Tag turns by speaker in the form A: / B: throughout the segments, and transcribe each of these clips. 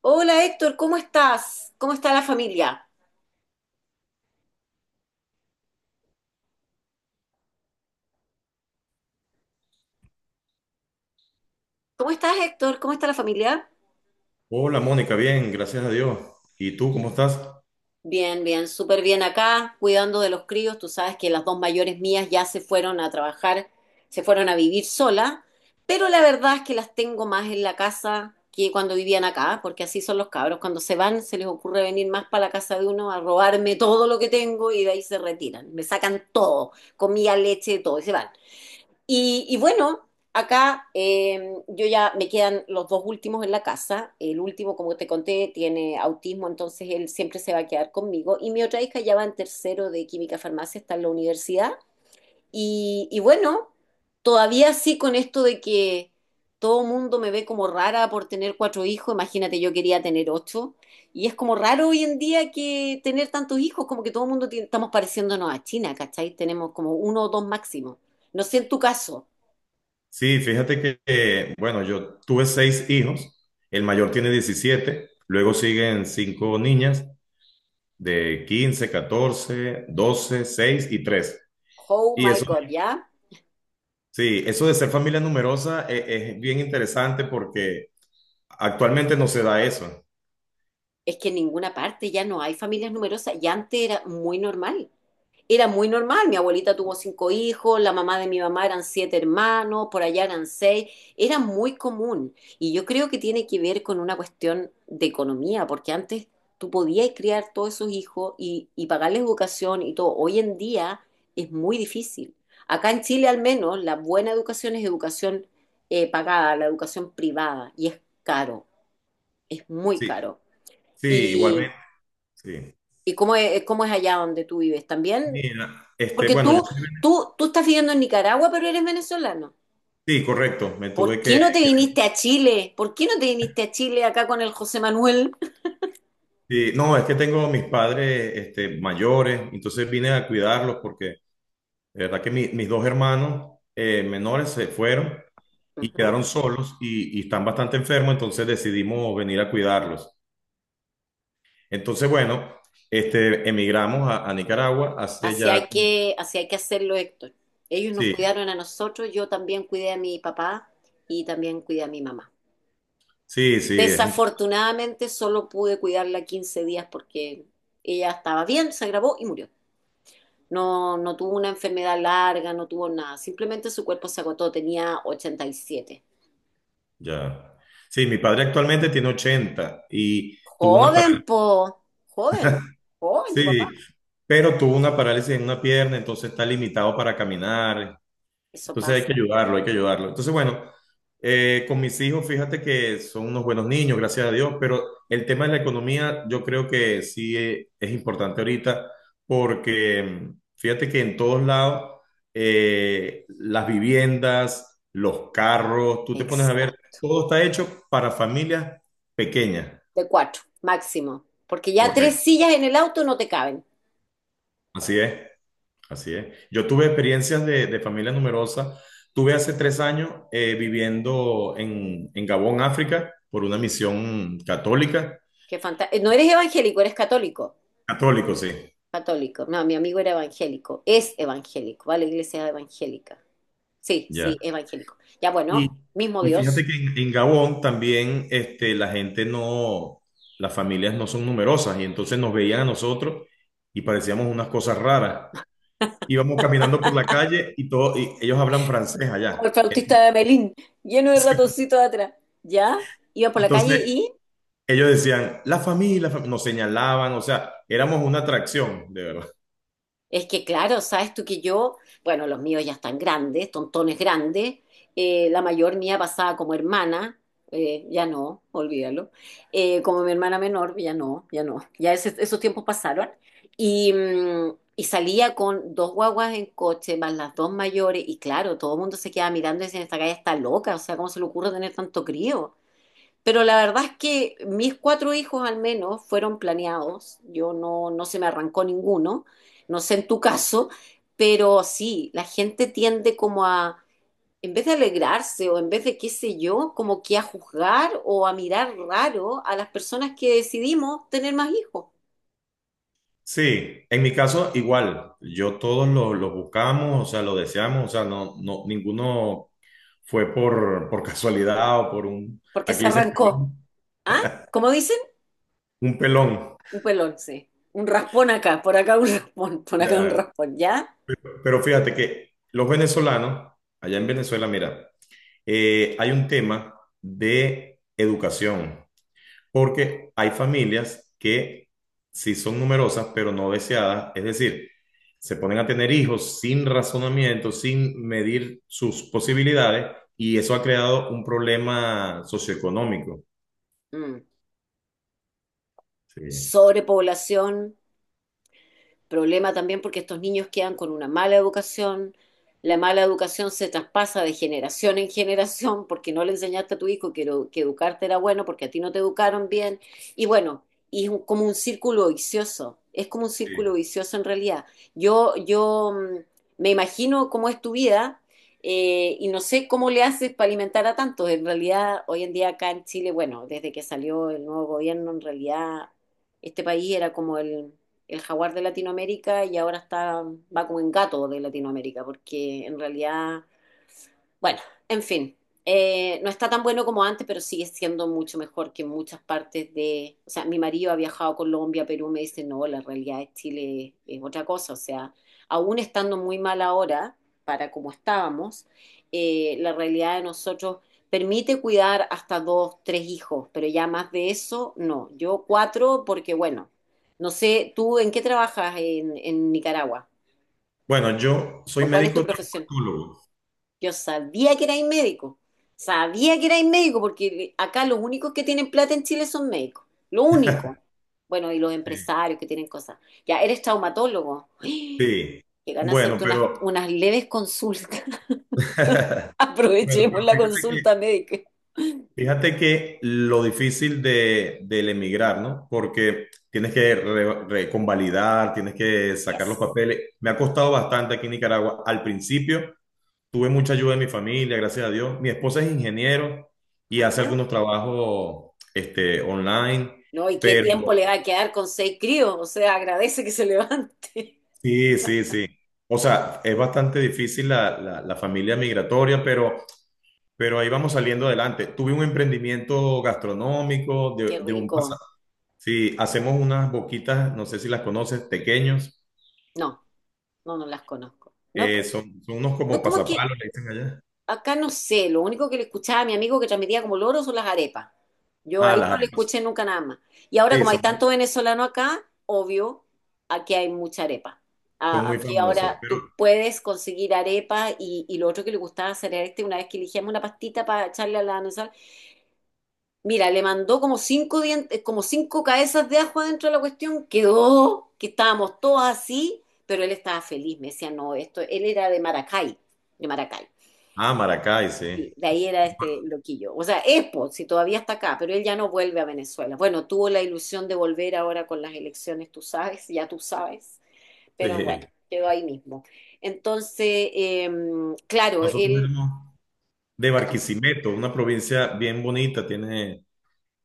A: Hola Héctor, ¿cómo estás? ¿Cómo está la familia? ¿Cómo estás Héctor? ¿Cómo está la familia?
B: Hola Mónica, bien, gracias a Dios. ¿Y tú cómo estás?
A: Bien, bien, súper bien acá, cuidando de los críos. Tú sabes que las dos mayores mías ya se fueron a trabajar, se fueron a vivir sola, pero la verdad es que las tengo más en la casa que cuando vivían acá, porque así son los cabros. Cuando se van, se les ocurre venir más para la casa de uno a robarme todo lo que tengo y de ahí se retiran. Me sacan todo, comida, leche, todo, y se van. Y bueno, acá yo ya me quedan los dos últimos en la casa. El último, como te conté, tiene autismo, entonces él siempre se va a quedar conmigo. Y mi otra hija ya va en tercero de química farmacia, está en la universidad. Y bueno, todavía sí con esto de que todo mundo me ve como rara por tener cuatro hijos. Imagínate, yo quería tener ocho. Y es como raro hoy en día que tener tantos hijos, como que todo el mundo tiene- estamos pareciéndonos a China, ¿cachai? Tenemos como uno o dos máximo. No sé en tu caso.
B: Sí, fíjate que, bueno, yo tuve seis hijos, el mayor tiene 17. Luego siguen cinco niñas de 15, 14, 12, 6 y 3.
A: Oh
B: Y
A: my
B: eso,
A: God, ¿ya?
B: sí, eso de ser familia numerosa es, bien interesante porque actualmente no se da eso.
A: Es que en ninguna parte ya no hay familias numerosas. Y antes era muy normal. Era muy normal. Mi abuelita tuvo cinco hijos, la mamá de mi mamá eran siete hermanos, por allá eran seis. Era muy común. Y yo creo que tiene que ver con una cuestión de economía, porque antes tú podías criar todos esos hijos y pagarles educación y todo. Hoy en día es muy difícil. Acá en Chile al menos la buena educación es educación pagada, la educación privada, y es caro, es muy
B: Sí,
A: caro.
B: sí,
A: ¿Y,
B: igualmente, sí.
A: ¿y cómo es allá donde tú vives? También,
B: Mira, este,
A: porque
B: bueno, yo
A: tú,
B: soy, vene-
A: tú, tú estás viviendo en Nicaragua, pero eres venezolano.
B: sí, correcto, me
A: ¿Por
B: tuve
A: qué
B: que
A: no te viniste a Chile? ¿Por qué no te viniste a Chile acá con el José Manuel?
B: Sí, no, es que tengo mis padres mayores, entonces vine a cuidarlos porque de verdad que mis dos hermanos menores se fueron y quedaron
A: Ujú.
B: solos y están bastante enfermos, entonces decidimos venir a cuidarlos. Entonces, bueno, emigramos a Nicaragua hace
A: Así
B: ya...
A: hay que, así hay que hacerlo, Héctor. Ellos nos
B: Sí,
A: cuidaron a nosotros, yo también cuidé a mi papá y también cuidé a mi mamá.
B: sí, sí,
A: Desafortunadamente solo pude cuidarla 15 días porque ella estaba bien, se agravó y murió. No, no tuvo una enfermedad larga, no tuvo nada. Simplemente su cuerpo se agotó, tenía 87.
B: ya. Sí, mi padre actualmente tiene 80 y tuvo una
A: Joven,
B: parálisis,
A: po. Joven. Joven, tu papá.
B: sí, pero tuvo una parálisis en una pierna, entonces está limitado para caminar.
A: Eso
B: Entonces hay que
A: pasa.
B: ayudarlo, hay que ayudarlo. Entonces, bueno, con mis hijos, fíjate que son unos buenos niños, gracias a Dios, pero el tema de la economía yo creo que sí es importante ahorita porque fíjate que en todos lados las viviendas, los carros, tú te pones a ver,
A: Exacto.
B: todo está hecho para familias pequeñas.
A: De cuatro, máximo. Porque ya tres
B: Correcto.
A: sillas en el auto no te caben.
B: Así es. Así es. Yo tuve experiencias de familia numerosa. Tuve hace 3 años viviendo en Gabón, África, por una misión católica.
A: No eres evangélico, eres católico.
B: Católico, sí.
A: Católico. No, mi amigo era evangélico. Es evangélico, ¿vale? Iglesia evangélica. Sí, sí,
B: Ya.
A: evangélico. Ya
B: Y,
A: bueno, mismo
B: y fíjate
A: Dios.
B: que en Gabón también la gente no, las familias no son numerosas y entonces nos veían a nosotros y parecíamos unas cosas raras. Íbamos caminando por la calle y, todo, y ellos hablan francés
A: Como
B: allá.
A: el flautista
B: Entonces,
A: de Amelín, lleno de ratoncitos atrás. ¿Ya? Iba por la calle
B: entonces
A: y
B: ellos decían, la familia, la fam-". Nos señalaban, o sea, éramos una atracción, de verdad.
A: es que, claro, sabes tú que yo, bueno, los míos ya están grandes, tontones grandes. La mayor mía pasaba como hermana, ya no, olvídalo. Como mi hermana menor, ya no, ya no. Ya esos tiempos pasaron. Y salía con dos guaguas en coche, más las dos mayores. Y claro, todo el mundo se quedaba mirando y decía, esta calle está loca, o sea, ¿cómo se le ocurre tener tanto crío? Pero la verdad es que mis cuatro hijos al menos fueron planeados. Yo no, no se me arrancó ninguno. No sé en tu caso, pero sí, la gente tiende como a, en vez de alegrarse o en vez de qué sé yo, como que a juzgar o a mirar raro a las personas que decidimos tener más hijos,
B: Sí, en mi caso igual, yo todos lo buscamos, o sea, lo deseamos, o sea, no, no, ninguno fue por casualidad o por un,
A: porque
B: aquí
A: se
B: le dicen
A: arrancó.
B: pelón,
A: ¿Ah? ¿Cómo dicen?
B: un pelón.
A: Un pelón, sí. Un raspón acá, por acá un raspón, por acá un
B: Ya.
A: raspón, ¿ya?
B: Pero fíjate que los venezolanos, allá en
A: Ujú.
B: Venezuela, mira, hay un tema de educación. Porque hay familias que sí son numerosas, pero no deseadas, es decir, se ponen a tener hijos sin razonamiento, sin medir sus posibilidades, y eso ha creado un problema socioeconómico.
A: Mm.
B: Sí.
A: Sobrepoblación. Problema también porque estos niños quedan con una mala educación. La mala educación se traspasa de generación en generación porque no le enseñaste a tu hijo que educarte era bueno, porque a ti no te educaron bien. Y bueno, y como un círculo vicioso. Es como un
B: Sí.
A: círculo vicioso en realidad. Yo me imagino cómo es tu vida. Y no sé cómo le haces para alimentar a tantos. En realidad, hoy en día acá en Chile, bueno, desde que salió el nuevo gobierno, en realidad este país era como el jaguar de Latinoamérica y ahora está, va como en gato de Latinoamérica, porque en realidad bueno, en fin, no está tan bueno como antes, pero sigue siendo mucho mejor que muchas partes de... O sea, mi marido ha viajado a Colombia, Perú, me dice, no, la realidad de Chile es otra cosa. O sea, aún estando muy mal ahora, para como estábamos, la realidad de nosotros permite cuidar hasta dos, tres hijos, pero ya más de eso, no. Yo cuatro, porque bueno, no sé, ¿tú en qué trabajas en Nicaragua?
B: Bueno, yo soy
A: ¿O cuál es tu
B: médico
A: profesión?
B: traumatólogo.
A: Yo sabía que erais médico. Sabía que erais médico porque acá los únicos que tienen plata en Chile son médicos. Lo único. Bueno, y los
B: Sí.
A: empresarios que tienen cosas. Ya, eres traumatólogo. ¡Ay!
B: Sí.
A: Llegan a
B: Bueno,
A: hacerte unas,
B: pero,
A: unas leves consultas.
B: bueno,
A: Aprovechemos
B: pero
A: la
B: fíjate que
A: consulta médica.
B: Fíjate que lo difícil de, del emigrar, ¿no? Porque tienes que reconvalidar, tienes que sacar los
A: Yes.
B: papeles. Me ha costado bastante aquí en Nicaragua. Al principio tuve mucha ayuda de mi familia, gracias a Dios. Mi esposa es ingeniero y hace
A: Ajá.
B: algunos trabajos online,
A: No, ¿y qué
B: pero
A: tiempo le va a quedar con seis críos? O sea, agradece que se levante.
B: sí, sí, sí. O sea, es bastante difícil la familia migratoria, pero ahí vamos saliendo adelante. Tuve un emprendimiento gastronómico de,
A: Qué
B: de un.
A: rico.
B: Sí, hacemos unas boquitas, no sé si las conoces, pequeños.
A: No, no, no las conozco. No,
B: Son unos
A: no,
B: como
A: como que
B: pasapalos, le dicen allá.
A: acá no sé, lo único que le escuchaba a mi amigo que transmitía como loro son las arepas. Yo
B: Ah,
A: ahí
B: las
A: no le
B: arepas.
A: escuché nunca nada más. Y ahora
B: Sí,
A: como hay
B: son,
A: tanto venezolano acá, obvio, aquí hay mucha arepa.
B: son muy
A: Aquí
B: famosos.
A: ahora
B: Pero,
A: tú puedes conseguir arepa y lo otro que le gustaba hacer a este, una vez que elegíamos una pastita para echarle a la sal, mira, le mandó como cinco dientes, como cinco cabezas de ajo adentro de la cuestión, quedó que estábamos todos así, pero él estaba feliz, me decía, no, esto, él era de Maracay, de Maracay.
B: ah, Maracay,
A: Sí,
B: sí.
A: de ahí era este loquillo. O sea, Expo, si todavía está acá, pero él ya no vuelve a Venezuela. Bueno, tuvo la ilusión de volver ahora con las elecciones, tú sabes, ya tú sabes, pero bueno,
B: Sí.
A: quedó ahí mismo. Entonces, claro,
B: Nosotros
A: él,
B: éramos de
A: cuéntame,
B: Barquisimeto, una provincia bien bonita. Tiene,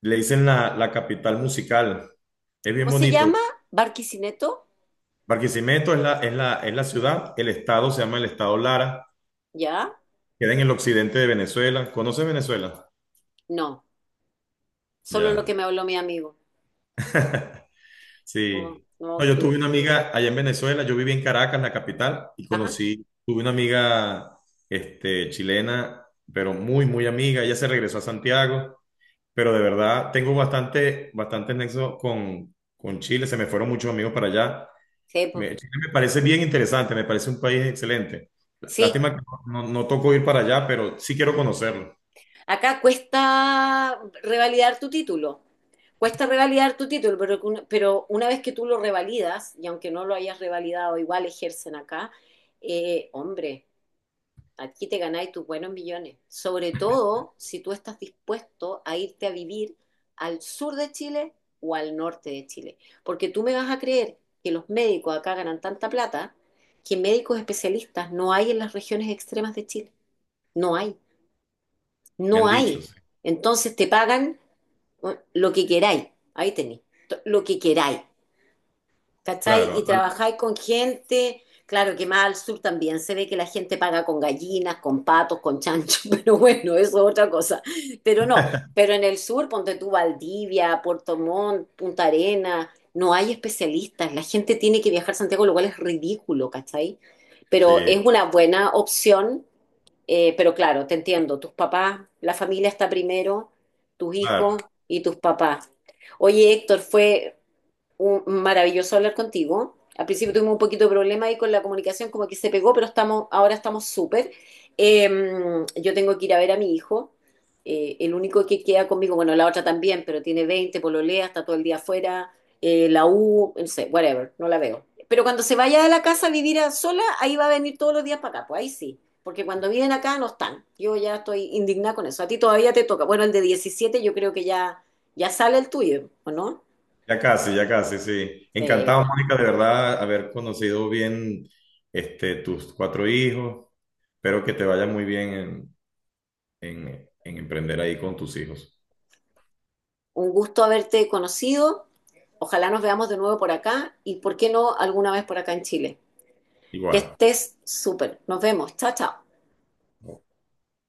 B: le dicen la capital musical. Es bien
A: ¿cómo se
B: bonito.
A: llama? ¿Barquisineto?
B: Barquisimeto es la ciudad. El estado se llama el estado Lara.
A: ¿Ya?
B: Queda en el occidente de Venezuela. ¿Conoces Venezuela?
A: No, solo lo que
B: Ya.
A: me habló mi amigo. No,
B: Sí. No,
A: no,
B: yo tuve
A: que,
B: una amiga allá en Venezuela, yo viví en Caracas, la capital, y
A: ajá,
B: conocí, tuve una amiga chilena, pero muy, muy amiga. Ella se regresó a Santiago, pero de verdad tengo bastante, bastante nexo con Chile. Se me fueron muchos amigos para allá.
A: sí, pues,
B: Chile me parece bien interesante, me parece un país excelente.
A: sí.
B: Lástima que no tocó ir para allá, pero sí quiero conocerlo.
A: Acá cuesta revalidar tu título. Cuesta revalidar tu título, pero una vez que tú lo revalidas, y aunque no lo hayas revalidado, igual ejercen acá, hombre, aquí te ganáis tus buenos millones. Sobre todo si tú estás dispuesto a irte a vivir al sur de Chile o al norte de Chile. Porque tú me vas a creer que los médicos acá ganan tanta plata que médicos especialistas no hay en las regiones extremas de Chile. No hay.
B: Me
A: No
B: han
A: hay.
B: dicho, sí.
A: Entonces te pagan, bueno, lo que queráis. Ahí tenéis. Lo que queráis. ¿Cachai?
B: Claro,
A: Y trabajáis con gente. Claro que más al sur también se ve que la gente paga con gallinas, con patos, con chanchos, pero bueno, eso es otra cosa. Pero no, pero en el sur, ponte tú Valdivia, Puerto Montt, Punta Arenas, no hay especialistas. La gente tiene que viajar a Santiago, lo cual es ridículo, ¿cachai? Pero
B: sí,
A: es una buena opción, pero claro, te entiendo, tus papás, la familia está primero, tus
B: claro.
A: hijos y tus papás. Oye, Héctor, fue maravilloso hablar contigo. Al principio tuvimos un poquito de problema ahí con la comunicación, como que se pegó, pero estamos, ahora estamos súper. Eh, yo tengo que ir a ver a mi hijo, el único que queda conmigo, bueno, la otra también, pero tiene 20, pololea, está todo el día afuera, la U, no sé, whatever, no la veo. Pero cuando se vaya de la casa a vivir a sola, ahí va a venir todos los días para acá, pues ahí sí. Porque cuando viven acá no están. Yo ya estoy indignada con eso. A ti todavía te toca. Bueno, el de 17 yo creo que ya, ya sale el tuyo, ¿o no?
B: Ya casi, sí.
A: Sí,
B: Encantado,
A: está.
B: Mónica, de verdad, haber conocido bien tus cuatro hijos. Espero que te vaya muy bien en, en emprender ahí con tus hijos.
A: Un gusto haberte conocido. Ojalá nos veamos de nuevo por acá y, ¿por qué no, alguna vez por acá en Chile? Que
B: Igual.
A: estés súper. Nos vemos. Chao, chao.